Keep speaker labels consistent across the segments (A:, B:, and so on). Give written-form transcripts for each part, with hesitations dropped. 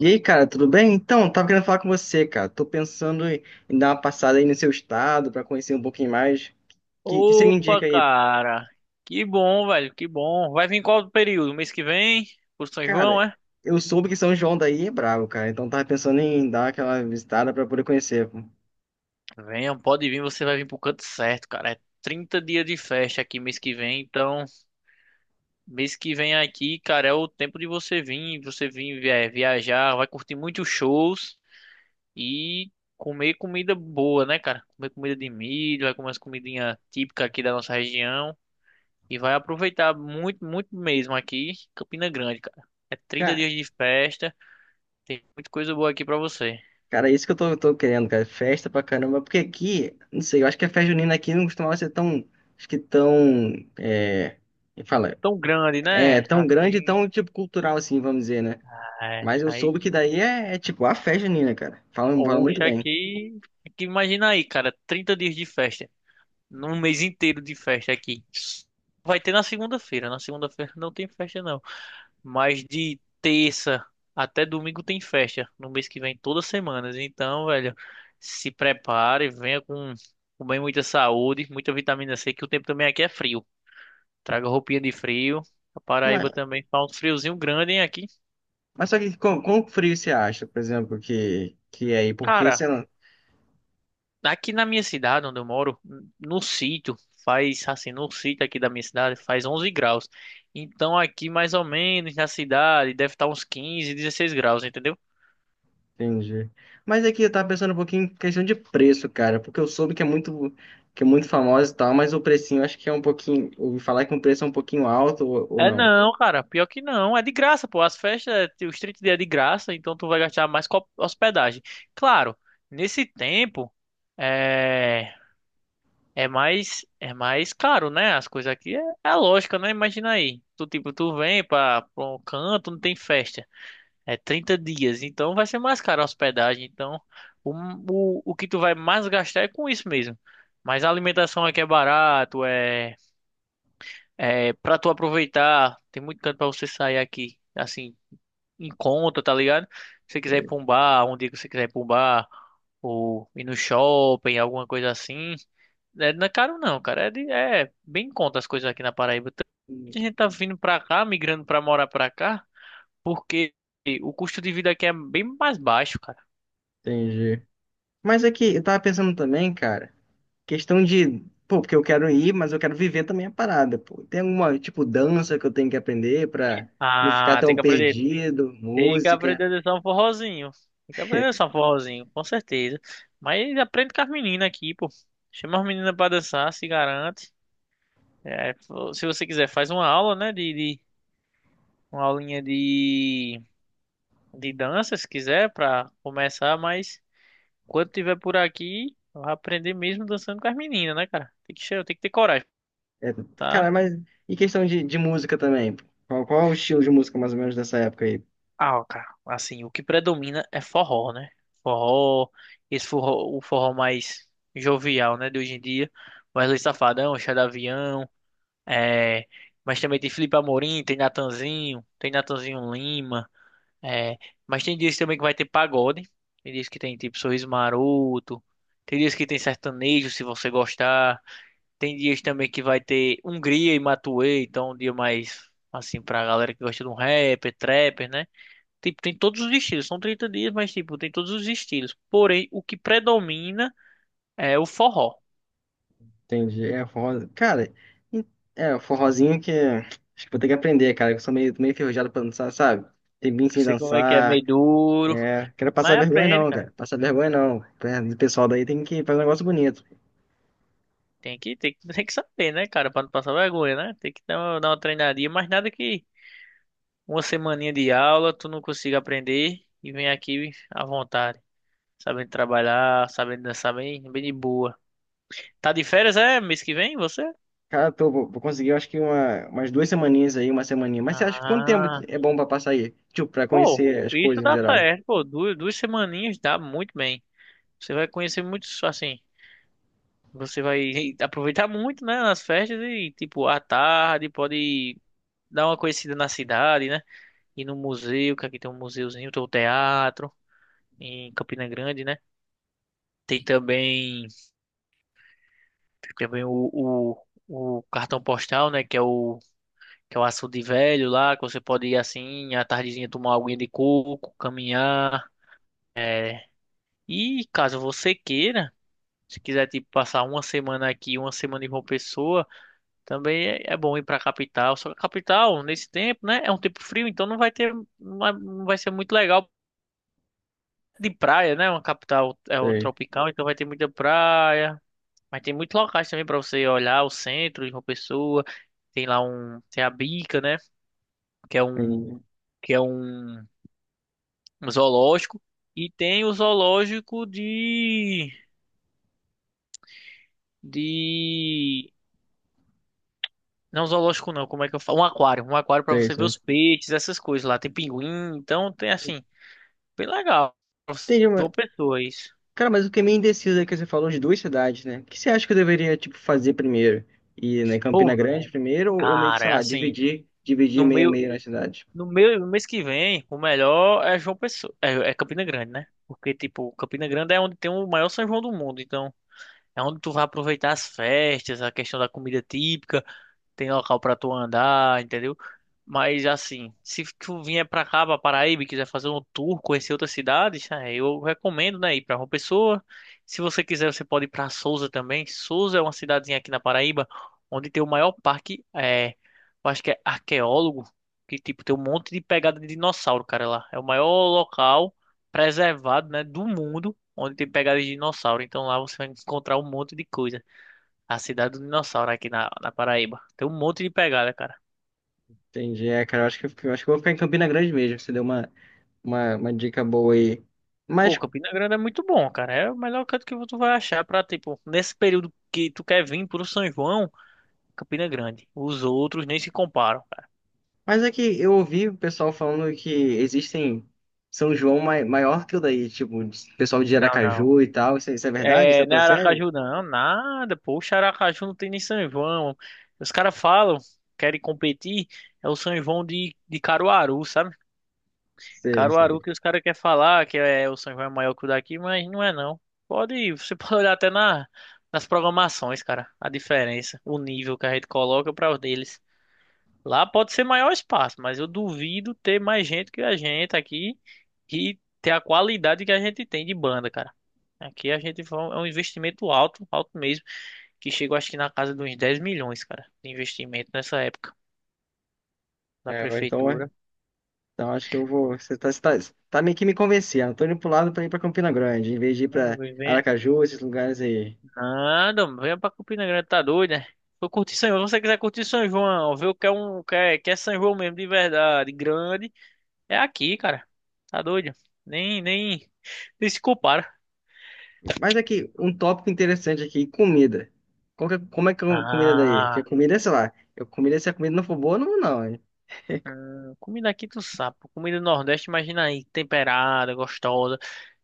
A: E aí, cara, tudo bem? Então, tava querendo falar com você, cara. Tô pensando em dar uma passada aí no seu estado pra conhecer um pouquinho mais. Que você me
B: Opa,
A: indica aí?
B: cara. Que bom, velho, que bom. Vai vir qual período? Mês que vem? Por São
A: Cara,
B: João, é?
A: eu soube que São João daí é brabo, cara. Então tava pensando em dar aquela visitada pra poder conhecer.
B: Venha, pode vir, você vai vir pro canto certo, cara. É 30 dias de festa aqui mês que vem, então mês que vem aqui, cara, é o tempo de você vir, viajar, vai curtir muitos shows e comer comida boa, né, cara? Comer comida de milho, vai comer as comidinhas típicas aqui da nossa região e vai aproveitar muito, muito mesmo aqui, Campina Grande, cara. É 30
A: Cara,
B: dias de festa. Tem muita coisa boa aqui pra você.
A: cara, é isso que eu tô querendo, cara. Festa pra caramba. Porque aqui, não sei, eu acho que a festa junina aqui não costumava ser tão, acho que tão, é, me fala,
B: Tão grande,
A: é
B: né?
A: tão grande, e
B: Assim,
A: tão tipo cultural assim, vamos dizer, né?
B: é.
A: Mas eu
B: Aí,
A: soube que daí é tipo a festa junina, cara. Falam muito
B: oxa,
A: bem.
B: aqui, imagina aí, cara, 30 dias de festa, num mês inteiro de festa aqui. Vai ter na segunda-feira não tem festa não, mas de terça até domingo tem festa, no mês que vem todas as semanas. Então, velho, se prepare, venha com bem muita saúde, muita vitamina C, que o tempo também aqui é frio. Traga roupinha de frio. A
A: Mas,
B: Paraíba também faz um friozinho grande, hein, aqui.
A: mas só que com frio você acha, por exemplo, que é aí? Porque,
B: Cara,
A: você não
B: aqui na minha cidade onde eu moro, no sítio, faz assim, no sítio aqui da minha cidade faz 11 graus. Então aqui mais ou menos na cidade deve estar uns 15, 16 graus, entendeu?
A: entendi. Mas aqui eu tava pensando um pouquinho em questão de preço, cara, porque eu soube que é muito famosa e tal, mas o precinho eu acho que é um pouquinho. Ouvi falar que o preço é um pouquinho alto ou
B: É
A: não.
B: não, cara, pior que não, é de graça, pô. As festas, os 30 dias é de graça, então tu vai gastar mais com a hospedagem. Claro, nesse tempo é é mais caro, né? As coisas aqui é lógica, né? Imagina aí, tu tipo, tu vem para um canto, não tem festa. É 30 dias, então vai ser mais caro a hospedagem. Então, o, o que tu vai mais gastar é com isso mesmo. Mas a alimentação aqui é barato, é pra tu aproveitar. Tem muito canto pra você sair aqui, assim, em conta, tá ligado? Se você quiser ir pra um bar, um dia que você quiser ir pra um bar, ou ir no shopping, alguma coisa assim. É, não é caro não, cara. É bem em conta as coisas aqui na Paraíba. Muita gente tá vindo pra cá, migrando pra morar pra cá. Porque o custo de vida aqui é bem mais baixo, cara.
A: Entendi. Mas aqui eu tava pensando também, cara, questão de. Pô, porque eu quero ir, mas eu quero viver também a parada, pô. Tem alguma, tipo, dança que eu tenho que aprender pra não ficar
B: Ah, tem
A: tão
B: que aprender.
A: perdido,
B: Tem que
A: música.
B: aprender a dançar um forrozinho. Tem que aprender a dançar um forrozinho, com certeza. Mas aprende com as meninas aqui, pô. Chama as meninas pra dançar, se garante. É, se você quiser, faz uma aula, né? Uma aulinha de dança, se quiser, pra começar. Mas quando tiver por aqui, vai aprender mesmo dançando com as meninas, né, cara? Tem que ter coragem,
A: É,
B: tá?
A: cara, mas e questão de música também? Qual é o estilo de música mais ou menos dessa época aí?
B: Ah, cara, assim, o que predomina é forró, né? Forró, esse forró, o forró mais jovial, né, de hoje em dia. Wesley Safadão, Chá de Avião, é... mas também tem Felipe Amorim, tem Natanzinho Lima, é... mas tem dias também que vai ter pagode, tem dias que tem tipo Sorriso Maroto, tem dias que tem sertanejo, se você gostar, tem dias também que vai ter Hungria e Matuê, então um dia mais, assim, pra galera que gosta de um rapper, trapper, né? Tipo, tem todos os estilos. São 30 dias, mas, tipo, tem todos os estilos. Porém, o que predomina é o forró.
A: Entendi. É forró. Cara, e- é forrozinho que acho que vou ter que aprender, cara. Que Eu sou meio enferrujado pra dançar, sabe? Tem bem
B: Não
A: sem
B: sei como é que é,
A: dançar.
B: meio duro.
A: É, quero passar
B: Mas
A: vergonha
B: aprende,
A: não,
B: cara.
A: cara. Passar vergonha não. É, o pessoal daí tem que fazer um negócio bonito.
B: Tem que tem que saber, né, cara? Pra não passar vergonha, né? Tem que dar uma treinadinha. Mas nada que uma semaninha de aula tu não consiga aprender e vem aqui à vontade. Sabendo trabalhar, sabendo dançar bem, bem de boa. Tá de férias, é? Mês que vem, você?
A: Cara, tô, vou conseguir, eu acho que uma, umas duas semaninhas aí, uma semaninha. Mas você acha que quanto tempo
B: Ah,
A: é bom pra passar aí? Tipo, pra
B: pô,
A: conhecer as
B: isso
A: coisas em
B: dá
A: geral.
B: certo, pô. Duas semaninhas dá muito bem. Você vai conhecer muitos, assim, você vai aproveitar muito, né, nas festas e, tipo, à tarde pode dar uma conhecida na cidade, né? Ir no museu, que aqui tem um museuzinho, tem o teatro em Campina Grande, né? Tem também, tem também o cartão postal, né, que é o Açude Velho lá, que você pode ir assim, à tardezinha tomar uma aguinha de coco, caminhar. E caso você queira, se quiser, tipo, passar uma semana aqui, uma semana em João Pessoa, também é bom ir para a capital. Só que a capital, nesse tempo, né? É um tempo frio, então não vai ter, não vai, não vai ser muito legal de praia, né? Uma capital é um
A: Sei,
B: tropical, então vai ter muita praia. Mas tem muitos locais também para você olhar, o centro de uma pessoa. Tem a Bica, né? Que é um,
A: sei,
B: que é um zoológico. E tem o zoológico de não zoológico não, como é que eu falo? Um aquário para
A: sei,
B: você ver
A: sei.
B: os peixes, essas coisas lá. Tem pinguim, então tem assim, bem legal. João
A: Entendi.
B: Pessoa, isso.
A: Cara, mas eu fiquei meio indeciso aí que você falou de duas cidades, né? O que você acha que eu deveria, tipo, fazer primeiro? Ir na Campina
B: Pô,
A: Grande
B: velho.
A: primeiro ou meio que,
B: Cara,
A: sei
B: é
A: lá,
B: assim,
A: dividir, dividir
B: no
A: meia
B: meu
A: meia na cidade?
B: no mês que vem, o melhor é João Pessoa, é Campina Grande, né? Porque, tipo, Campina Grande é onde tem o maior São João do mundo, então é onde tu vai aproveitar as festas, a questão da comida típica. Tem local pra tu andar, entendeu? Mas assim, se tu vier pra cá, pra Paraíba, e quiser fazer um tour, conhecer outras cidades, né, eu recomendo, né, ir pra João Pessoa. Se você quiser, você pode ir pra Sousa também. Sousa é uma cidadezinha aqui na Paraíba, onde tem o maior parque, é, eu acho que é arqueólogo, que tipo, tem um monte de pegada de dinossauro, cara, lá. É o maior local preservado, né, do mundo, onde tem pegada de dinossauro. Então lá você vai encontrar um monte de coisa. A Cidade do Dinossauro aqui na Paraíba. Tem um monte de pegada, cara.
A: Entendi. É, cara, eu acho que eu acho que eu vou ficar em Campina Grande mesmo. Você deu uma, uma dica boa aí.
B: Pô,
A: Mas,
B: Campina Grande é muito bom, cara. É o melhor canto que tu vai achar pra, tipo, nesse período que tu quer vir pro São João, Campina Grande. Os outros nem se comparam, cara.
A: mas é que eu ouvi o pessoal falando que existem São João maior que o daí, tipo, pessoal de
B: Não, não.
A: Aracaju e tal. Isso é verdade? Isso é
B: É, não é
A: pra sério?
B: Aracaju, não. Nada. Poxa, Aracaju não tem nem São João. Os caras falam, querem competir. É o São João de Caruaru, sabe?
A: Sei, sei.
B: Caruaru que os caras querem falar que é o São João é maior que o daqui, mas não é não. Você pode olhar até nas programações, cara, a diferença, o nível que a gente coloca para os deles. Lá pode ser maior espaço, mas eu duvido ter mais gente que a gente aqui e ter a qualidade que a gente tem de banda, cara. Aqui é um investimento alto, alto mesmo, que chegou acho que na casa de uns 10 milhões, cara, de investimento nessa época da
A: É, ou então,
B: prefeitura.
A: Então acho que eu vou. Tá meio que me convencendo. Tô indo pro lado pra ir pra Campina Grande, em vez de ir
B: Hum.
A: pra Aracaju, esses lugares aí.
B: Nada, mano, venha pra Campina Grande, tá doido, né? Vou curtir São João. Se você quiser curtir São João, ver o que é um, o que é São João mesmo, de verdade, grande, é aqui, cara. Tá doido? Nem, nem, nem se compara.
A: Mas aqui, um tópico interessante aqui, comida. Como é que é a comida daí? Porque
B: Ah,
A: comida é, sei lá, se a comida não for boa, eu não vou não, hein?
B: comida aqui tu sabe, pô. Comida do Nordeste, imagina aí, temperada, gostosa.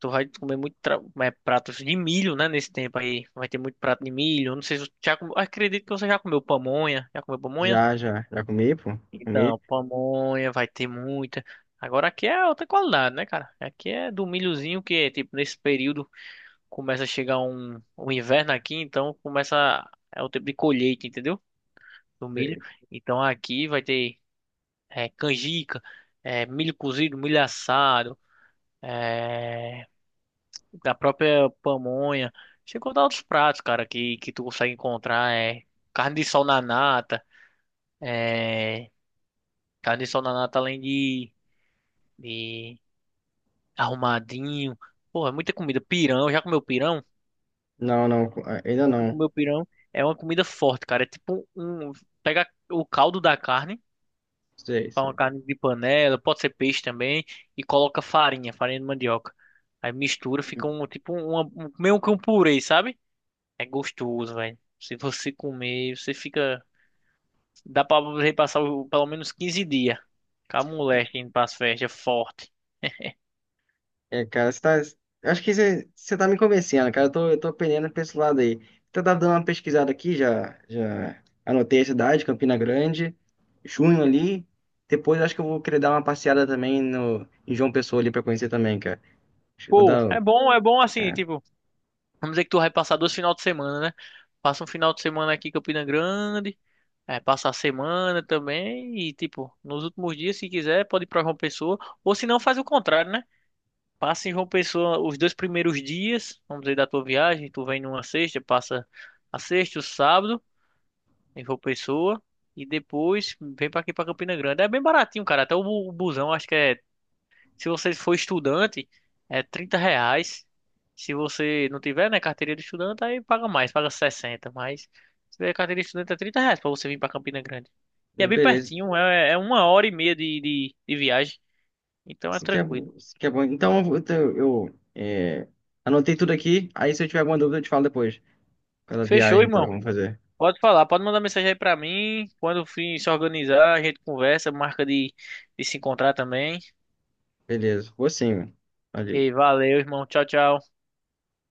B: Tu vai comer muito pratos de milho, né? Nesse tempo aí, vai ter muito prato de milho. Não sei se você já comeu, acredito que você já comeu pamonha. Já comeu pamonha?
A: Já, já. Já comi, pô. Já comi.
B: Então, pamonha vai ter muita. Agora aqui é outra qualidade, né, cara? Aqui é do milhozinho que, tipo, nesse período começa a chegar um inverno aqui, então começa. É o tempo de colheita, entendeu? Do milho.
A: Sei.
B: Então aqui vai ter é, canjica, é, milho cozido, milho assado, é, da própria pamonha. Chegou a outros pratos, cara, que tu consegue encontrar. É, carne de sol na nata, é, carne de sol na nata além de. De Arrumadinho. Porra, é muita comida. Pirão, já comeu pirão?
A: Não, não, ainda
B: Nunca
A: não.
B: comeu pirão. É uma comida forte, cara. É tipo um. Pega o caldo da carne,
A: Sei,
B: faz uma
A: sei.
B: carne de panela, pode ser peixe também, e coloca farinha, farinha de mandioca. Aí mistura, fica um tipo meio que um purê, sabe? É gostoso, velho. Se você comer, você fica. Dá pra você passar pelo menos 15 dias. Com a moleque indo pras festas, forte.
A: É, cara, você tá. Acho que você tá me convencendo, cara. Eu tô pendendo pra esse lado aí. Então, eu tava dando uma pesquisada aqui, já anotei a cidade, Campina Grande, junho ali. Depois, eu acho que eu vou querer dar uma passeada também no, em João Pessoa ali pra conhecer também, cara. Acho que eu vou
B: Pô,
A: dar. um-
B: é bom assim,
A: É,
B: tipo. Vamos dizer que tu vai passar dois final de semana, né? Passa um final de semana aqui em Campina Grande, é, passa a semana também e, tipo, nos últimos dias, se quiser, pode ir pra João Pessoa. Ou se não, faz o contrário, né? Passa em João Pessoa os dois primeiros dias, vamos dizer, da tua viagem. Tu vem numa sexta, passa a sexta, o sábado em João Pessoa e depois vem pra aqui pra Campina Grande. É bem baratinho, cara. Até o o busão, acho que é se você for estudante, é R$ 30. Se você não tiver, né, carteira de estudante, aí paga mais, paga 60. Mas se tiver carteira de estudante, é R$ 30 pra você vir pra Campina Grande. E é
A: hum,
B: bem
A: beleza.
B: pertinho, é uma hora e meia de viagem. Então é
A: Isso que é,
B: tranquilo.
A: isso que é bom. Então, eu anotei tudo aqui. Aí, se eu tiver alguma dúvida, eu te falo depois. Pela
B: Fechou,
A: viagem, então,
B: irmão.
A: vamos fazer.
B: Pode falar, pode mandar mensagem aí pra mim. Quando o fim se organizar, a gente conversa, marca de se encontrar também.
A: Beleza. Vou sim, mano.
B: E
A: Valeu.
B: valeu, irmão. Tchau, tchau.